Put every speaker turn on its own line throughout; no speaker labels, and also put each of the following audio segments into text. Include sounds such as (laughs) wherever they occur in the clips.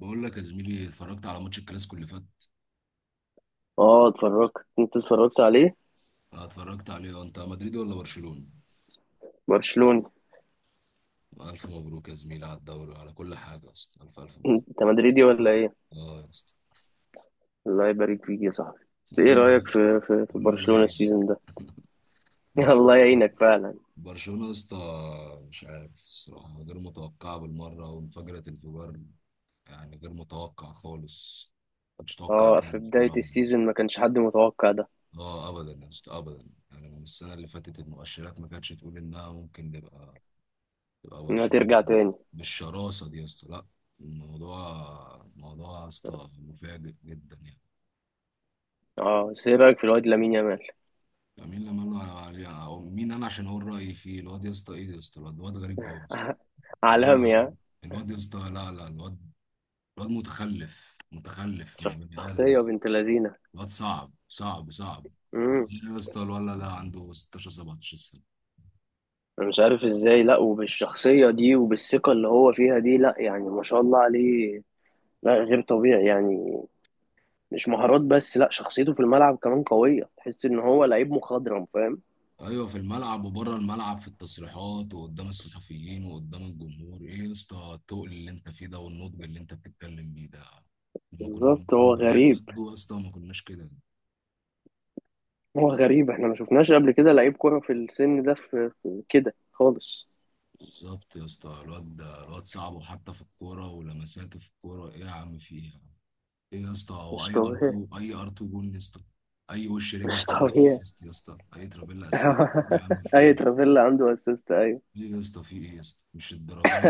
بقول لك يا زميلي، اتفرجت على ماتش الكلاسيكو اللي فات.
اه اتفرجت. انت اتفرجت عليه؟
انا اتفرجت عليه آه، انت مدريد ولا برشلونة؟
برشلوني.
الف مبروك يا زميلي على الدوري على كل حاجة، يا اسطى الف الف مبروك.
انت مدريدي ولا ايه؟
اه يا اسطى.
الله يبارك فيك يا صاحبي. بس ايه
قول
رأيك
لي
في
قول لي الله
برشلونة
يعينك.
السيزون ده؟
(laughs)
(laughs) الله
برشلونة.
يعينك فعلا.
برشلونة يا اسطى، مش عارف الصراحة، غير متوقعة بالمرة وانفجرت انفجار. يعني غير متوقع خالص. مش متوقع
اه،
كده
في بداية
بصراحة.
السيزون ما كانش حد متوقع ده،
اه ابدا يا اسطى ابدا. يعني من السنة اللي فاتت المؤشرات ما كانتش تقول انها ممكن نبقى، تبقى
انها
برشلونة
ترجع تاني.
بالشراسة دي يا اسطى. لا. الموضوع موضوع يا اسطى مفاجئ جدا يعني.
اه بس ايه رأيك في الواد لامين يامال؟
يعني مين لما قال له عليه- أو مين انا عشان اقول رايي فيه الواد. يا اسطى، ايه يا اسطى، الواد غريب قوي يا اسطى.
(laughs)
والله
عالمي ها.
العظيم. الواد يا اسطى، لا لا. الواد الواد متخلف، متخلف مش بني ادم يا
شخصية
اسطى.
بنت لذينة.
الواد صعب صعب صعب.
امم،
ازاي يا اسطى الولد ده عنده 16 17 سنة؟
انا مش عارف ازاي، لا وبالشخصية دي وبالثقة اللي هو فيها دي، لا يعني ما شاء الله عليه. لا غير طبيعي يعني. مش مهارات بس، لا شخصيته في الملعب كمان قوية، تحس ان هو لعيب مخضرم، فاهم؟
ايوه، في الملعب وبره الملعب، في التصريحات وقدام الصحفيين وقدام الجمهور، ايه يا اسطى التقل اللي انت فيه ده والنضج اللي انت بتتكلم بيه ده. لما كنا
بالظبط هو
كنا عيال
غريب.
قده يا اسطى ما كناش كده.
هو غريب، احنا ما شفناش قبل كده لعيب كرة في السن ده، في كده خالص.
بالظبط يا اسطى. الواد ده الواد صعب، وحتى في الكوره ولمساته في الكوره، ايه يا عم في ايه يا عم. ايه يا اسطى، هو
مش
اي ار
طبيعي.
2 اي ار 2 جون يا اسطى. اي وش رجل
مش
خليل
طبيعي.
اسيست يا اسطى، اي ترافيلا اسيست. يا عم
(laughs)
في
اي
ايه،
ترافيلا عنده اسيست، ايوه.
ايه يا اسطى، في ايه يا اسطى، مش الدرجات.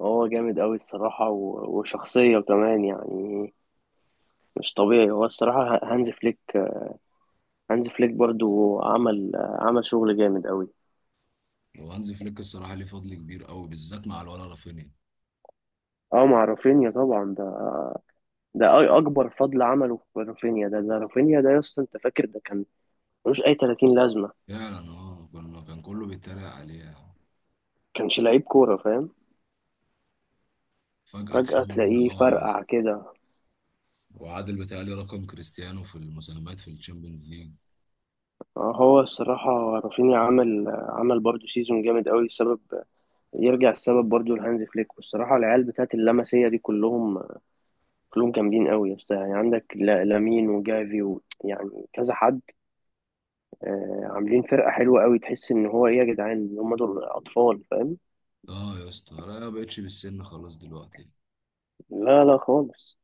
هو جامد قوي الصراحة وشخصية كمان يعني. مش طبيعي هو الصراحة. هانز فليك، هانز فليك برضو عمل شغل جامد قوي.
وهانز فليك الصراحة ليه فضل كبير قوي، بالذات مع الولا رافينيا.
اه مع رافينيا طبعا ده. ده اكبر فضل عمله في رافينيا. ده رافينيا ده يا اسطى، انت فاكر ده كان ملوش اي 30 لازمه.
فعلا اه، كان كله بيتريق عليه يعني.
كانش لعيب كوره، فاهم؟
فجأة
فجاه
تحول
تلاقيه
اه،
فرقع كده.
وعادل بيتهيألي رقم كريستيانو في المساهمات في الشامبيونز ليج.
آه، هو الصراحه رافينيا عمل برضه سيزون جامد قوي. السبب يرجع السبب برضه لهانز فليك. والصراحه العيال بتاعت اللمسيه دي كلهم، كلهم جامدين قوي يا اسطى. يعني عندك لامين وجافي يعني كذا حد. آه، عاملين فرقه حلوه قوي، تحس ان هو ايه يا جدعان، هم دول اطفال، فاهم؟
اه يا اسطى لا، ما بقتش بالسن خلاص دلوقتي.
لا لا خالص.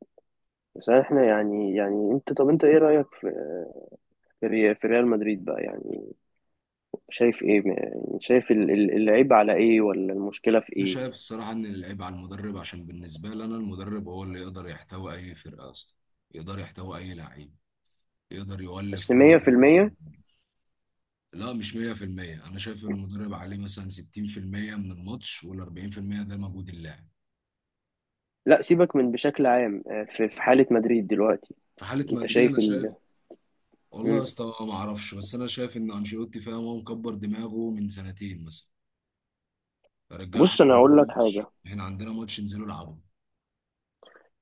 بس احنا يعني، يعني انت، طب انت ايه رأيك في، في ريال مدريد بقى يعني؟ شايف ايه يعني؟ شايف العيب على ايه ولا المشكلة في
انا
ايه؟
شايف الصراحة ان العيب على المدرب، عشان بالنسبة لي انا المدرب هو اللي يقدر يحتوي اي فرقة اصلا، يقدر يحتوي اي لعيب، يقدر
بس
يولف هو.
100%.
لا مش 100%، انا شايف المدرب عليه مثلا 60% من الماتش، وال 40% ده مجهود اللاعب.
لا سيبك من بشكل عام، آه، في في حالة مدريد دلوقتي.
في حاله
انت
مدريد انا
شايف
شايف. والله يا
مم.
اسطى ما اعرفش، بس انا شايف ان انشيلوتي فاهم، هو مكبر دماغه من سنتين مثلا. يا رجاله
بص
احنا
انا
عندنا
هقول لك
ماتش،
حاجة.
احنا عندنا ماتش، انزلوا العبوا.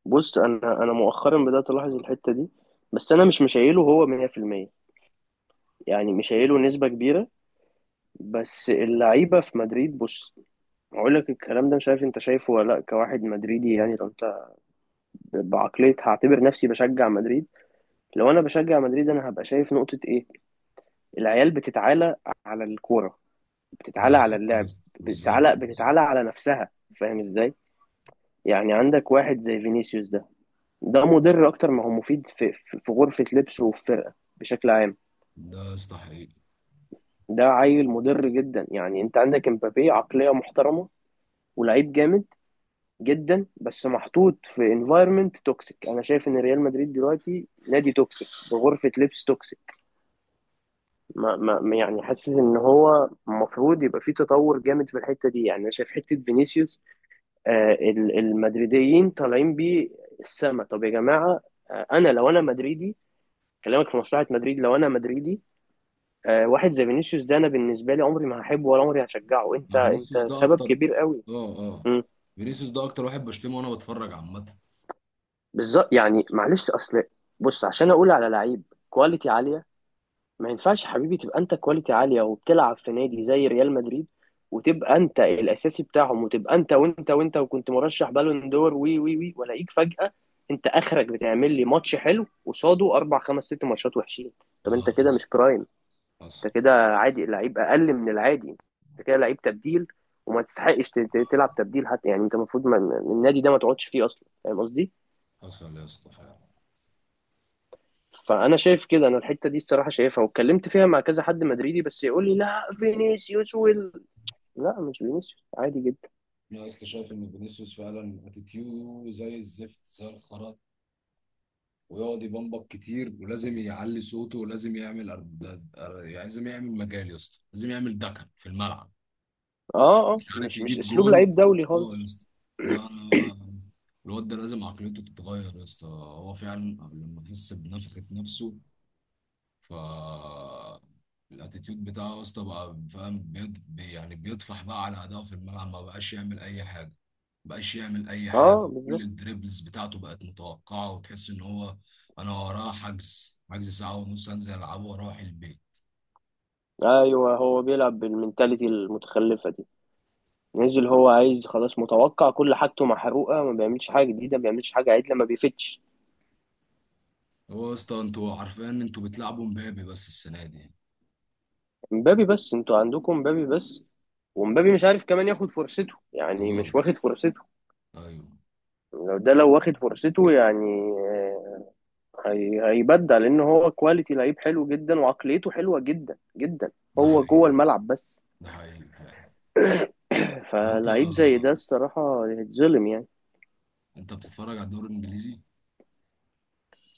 بص انا مؤخرا بدأت الاحظ الحتة دي. بس انا مش مشايله هو 100%، يعني مشايله نسبة كبيرة. بس اللعيبة في مدريد، بص هقول لك الكلام ده مش عارف انت شايفه ولا لا. كواحد مدريدي يعني، لو انت بعقلية هعتبر نفسي بشجع مدريد، لو انا بشجع مدريد انا هبقى شايف نقطة ايه. العيال بتتعالى على الكورة، بتتعالى على
بالظبط يا
اللعب،
اسطى، بالظبط
بتتعالى
يا اسطى.
بتتعالى على نفسها. فاهم ازاي؟ يعني عندك واحد زي فينيسيوس ده، ده مضر اكتر ما هو مفيد في في غرفة لبسه وفي فرقة بشكل عام.
ده يا اسطى حقيقي.
ده عيل مضر جدا. يعني انت عندك امبابي، عقلية محترمة ولعيب جامد جدا، بس محطوط في انفايرمنت توكسيك. انا شايف ان ريال مدريد دلوقتي نادي توكسيك بغرفة لبس توكسيك. ما ما يعني حاسس ان هو المفروض يبقى في تطور جامد في الحته دي. يعني انا شايف حته فينيسيوس، آه، المدريديين طالعين بيه السما. طب يا جماعه، آه، انا لو انا مدريدي، كلامك في مصلحه مدريد، لو انا مدريدي، آه، واحد زي فينيسيوس ده انا بالنسبه لي عمري ما هحبه ولا عمري هشجعه. انت
ما
انت
فينيسيوس ده
سبب
اكتر اه.
كبير قوي.
اه،
مم.
فينيسيوس ده اكتر واحد بشتمه وانا بتفرج عامه.
بالظبط يعني، معلش اصل، بص عشان اقول على لعيب كواليتي عاليه، ما ينفعش يا حبيبي تبقى انت كواليتي عاليه وبتلعب في نادي زي ريال مدريد، وتبقى انت الاساسي بتاعهم، وتبقى انت وانت وانت، وكنت مرشح بالون دور، وي وي وي، ولاقيك فجاه انت اخرك بتعمل لي ماتش حلو قصاده اربع خمس ست ماتشات وحشين. طب انت
اه،
كده
حصل.
مش برايم.
حصل.
انت كده عادي، لعيب اقل من العادي، انت كده لعيب تبديل، وما تستحقش تلعب تبديل حتى. يعني انت المفروض النادي ده ما تقعدش فيه اصلا، فاهم قصدي؟
حصل يا اسطى فعلا.
فانا شايف كده. انا الحته دي الصراحه شايفها واتكلمت فيها مع كذا حد مدريدي، بس يقول لي لا فينيسيوس لا مش فينيسيوس عادي جدا.
انا يا اسطى شايف ان فينيسيوس فعلا اتيتيوده زي الزفت زي الخرا، ويقعد يبمبك كتير، ولازم يعلي صوته، ولازم يعمل يعني لازم يعمل مجال يا اسطى، لازم يعمل دكن في الملعب.
اه اه،
مش عارف
مش مش
يجيب
اسلوب
جون.
لعيب دولي
اه يا
خالص.
اسطى. لا. الواد ده لازم عقليته تتغير يا اسطى، هو فعلا قبل ما يحس بنفخة نفسه ف الاتيتيود بتاعه يا اسطى بقى، فاهم، يعني بيطفح بقى على اداءه في الملعب، ما بقاش يعمل اي حاجه. ما بقاش يعمل اي حاجه،
اه
كل
بالظبط.
الدريبلز بتاعته بقت متوقعه، وتحس ان هو انا وراه حجز ساعه ونص انزل العبه واروح البيت.
ايوه هو بيلعب بالمنتاليتي المتخلفه دي، نزل هو عايز خلاص، متوقع، كل حاجته محروقه، ما بيعملش حاجه جديده، ما بيعملش حاجه عدله، ما بيفتش.
هو يا اسطى انتوا عارفين ان انتوا بتلعبوا مبابي بس السنه دي.
مبابي بس، انتوا عندكم مبابي بس، ومبابي مش عارف كمان ياخد فرصته، يعني
اه.
مش واخد فرصته.
ايوه.
لو ده لو واخد فرصته يعني، آه، هيبدع، لان هو كواليتي لعيب حلو جدا وعقليته حلوه جدا جدا.
ده
هو
حقيقي
جوه
يا اسطى.
الملعب بس.
ده حقيقي فعلا. وانت
فلعيب زي ده الصراحه يتظلم يعني.
انت بتتفرج على الدوري الانجليزي؟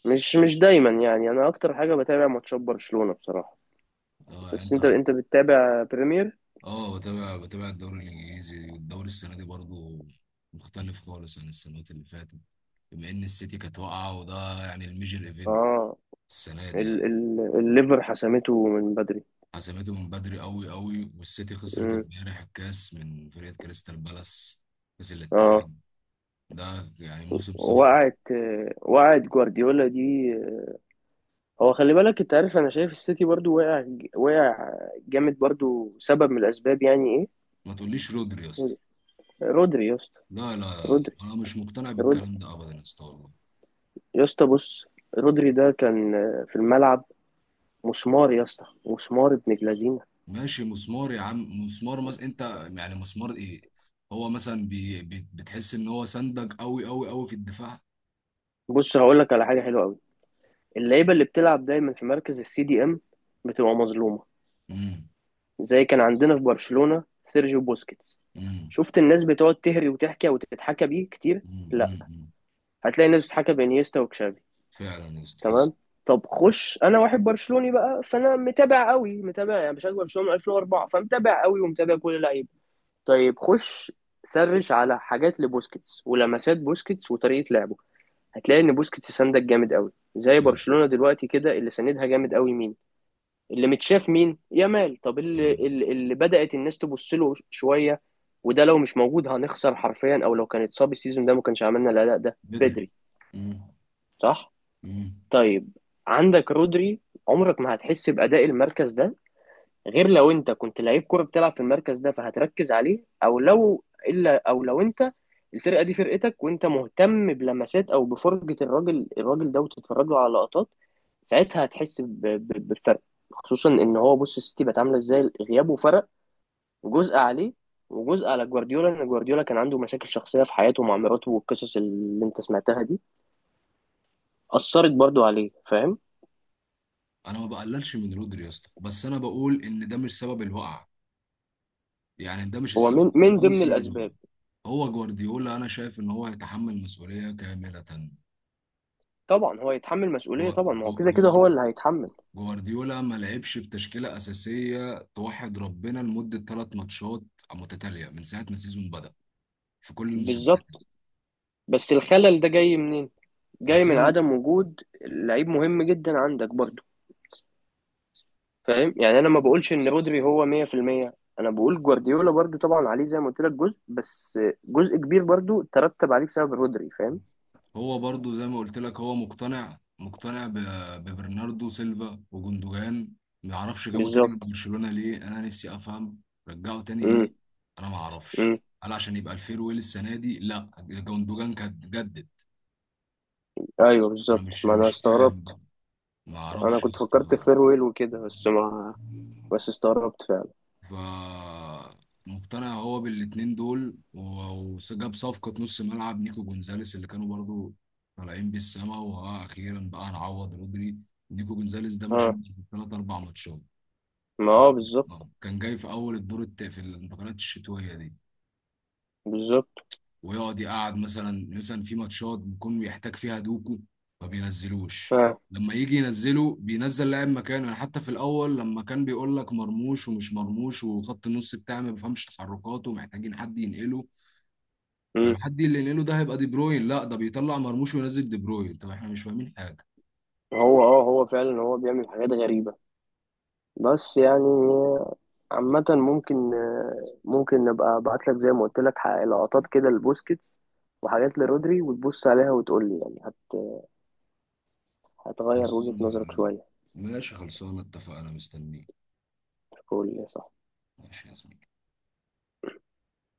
مش مش دايما. يعني انا اكتر حاجه بتابع ماتشات برشلونه بصراحه.
اه يعني
بس انت
انت.
انت بتتابع بريمير.
اه بتابع الدوري الانجليزي، الدوري السنه دي برضو مختلف خالص عن السنوات اللي فاتت، بما ان السيتي كانت واقعه وده يعني الميجر ايفنت
اه
السنه دي يعني.
الليفر حسمته من بدري.
حسمته من بدري قوي قوي، والسيتي خسرت
مم.
امبارح الكاس من فريق كريستال بالاس، كاس
اه.
الاتحاد. ده يعني موسم صفر.
وقعت، وقعت جوارديولا دي. هو خلي بالك انت عارف، انا شايف السيتي برضو وقع، وقع جامد برضو، سبب من الاسباب يعني.
ما تقوليش رودري يا اسطى.
ايه رودري يا اسطى؟
لا لا،
رودري.
انا مش مقتنع
رودري
بالكلام ده ابدا يا اسطى والله.
يا اسطى. بص، رودري ده كان في الملعب مسمار يا اسطى، مسمار ابن جلازينة.
ماشي مسمار يا عم مسمار، مثلا انت يعني مسمار ايه؟ هو مثلا بي بي بتحس ان هو سندك قوي قوي قوي في الدفاع؟
بص هقول لك على حاجة حلوة قوي. اللعيبة اللي بتلعب دايما في مركز السي دي ام بتبقى مظلومة.
امم.
زي كان عندنا في برشلونة سيرجيو بوسكيتس.
امم.
شفت الناس بتقعد تهري وتحكي وتتحكى بيه كتير؟
امم.
لا.
امم.
هتلاقي الناس بتتحكى بانيستا وكشافي.
فعلا يا اسطى حصل.
تمام. طب خش، انا واحد برشلوني بقى، فانا متابع قوي، متابع يعني بشجع برشلونة من 2004، فمتابع قوي ومتابع كل اللعيبة. طيب خش سرش على حاجات لبوسكيتس ولمسات بوسكيتس وطريقة لعبه، هتلاقي ان بوسكيتس سندك جامد قوي. زي
فعلا.
برشلونة دلوقتي كده، اللي سندها جامد قوي مين؟ اللي متشاف مين؟ يامال. طب اللي
امم.
اللي بدأت الناس تبص له شوية، وده لو مش موجود هنخسر حرفيا، او لو كان اتصاب السيزون ده ما كانش عملنا الاداء ده
بدري.
بدري.
امم.
صح.
امم.
طيب، عندك رودري، عمرك ما هتحس بأداء المركز ده غير لو انت كنت لعيب كوره بتلعب في المركز ده فهتركز عليه، او لو الا، او لو انت الفرقه دي فرقتك وانت مهتم بلمسات او بفرجه الراجل، الراجل ده، وتتفرج له على لقطات، ساعتها هتحس بالفرق. خصوصا ان هو، بص السيتي بقت عامله ازاي غيابه، فرق. جزء عليه وجزء على جوارديولا، ان جوارديولا كان عنده مشاكل شخصيه في حياته مع مراته، والقصص اللي انت سمعتها دي اثرت برضو عليه، فاهم؟
انا ما بقللش من رودري يا اسطى، بس انا بقول ان ده مش سبب الوقعه، يعني ده مش
هو من
السبب
من ضمن
الرئيسي للوقعه.
الاسباب.
هو جوارديولا، انا شايف ان هو يتحمل مسؤوليه كامله.
طبعا هو يتحمل مسؤوليه
جو-
طبعا، ما هو كده كده
جو-
هو اللي هيتحمل.
جوارديولا ما لعبش بتشكيلة أساسية توحد ربنا لمدة ثلاث ماتشات متتالية من ساعة ما السيزون بدأ، في كل المسابقات.
بالظبط. بس الخلل ده جاي منين؟ جاي من
الخلل.
عدم وجود لعيب مهم جدا عندك برضه. فاهم؟ يعني انا ما بقولش ان رودري هو 100%، انا بقول جوارديولا برضه طبعا عليه زي ما قلت لك جزء، بس جزء كبير برضه ترتب عليه بسبب رودري، فاهم؟
هو برضو زي ما قلت لك، هو مقتنع ببرناردو سيلفا وجندوجان، ما اعرفش جابوا تاني من
بالظبط.
برشلونة ليه، انا نفسي افهم. رجعوا تاني
امم.
ليه. انا ما اعرفش.
امم.
هل عشان يبقى الفيرويل السنة دي؟ لا جندوجان كان جدد.
ايوه
انا
بالظبط،
مش
ما انا
مش
استغربت.
فاهم. ما
انا
اعرفش يا
كنت فكرت
اسطى.
في فيرويل وكده، بس ما، بس استغربت فعلا.
فمقتنع هو بالاتنين دول و- وجاب صفقة نص ملعب نيكو جونزاليس، اللي كانوا برضو طالعين بالسما، وها أخيرا بقى نعوض رودري. نيكو جونزاليس ده ما
اه،
شافش في ثلاث أربع ماتشات،
ما اه، بالظبط.
فكان جاي في أول في الانتقالات الشتوية دي.
بالظبط.
ويقعد يقعد مثلا مثلا في ماتشات بيكون بيحتاج فيها دوكو ما بينزلوش.
اه.
لما يجي ينزله بينزل لاعب مكانه يعني، حتى في الاول لما كان بيقول لك مرموش ومش مرموش، وخط النص بتاعي ما بيفهمش تحركاته، محتاجين حد ينقله. طب
امم.
حد اللي ينقله ده هيبقى دي بروين؟ لا ده بيطلع مرموش وينزل دي بروين، طب احنا مش فاهمين حاجه.
هو اه، هو فعلا هو بيعمل حاجات غريبة. بس يعني، عامة ممكن، ممكن نبقى ابعت لك زي ما قلت لك لقطات كده لبوسكيتس وحاجات لرودري، وتبص عليها وتقول لي. يعني هتغير وجهة نظرك
خلصانه.
شوية.
ماشي خلصانه اتفقنا، مستنيك.
تقول لي صح.
ماشي يا زميلي.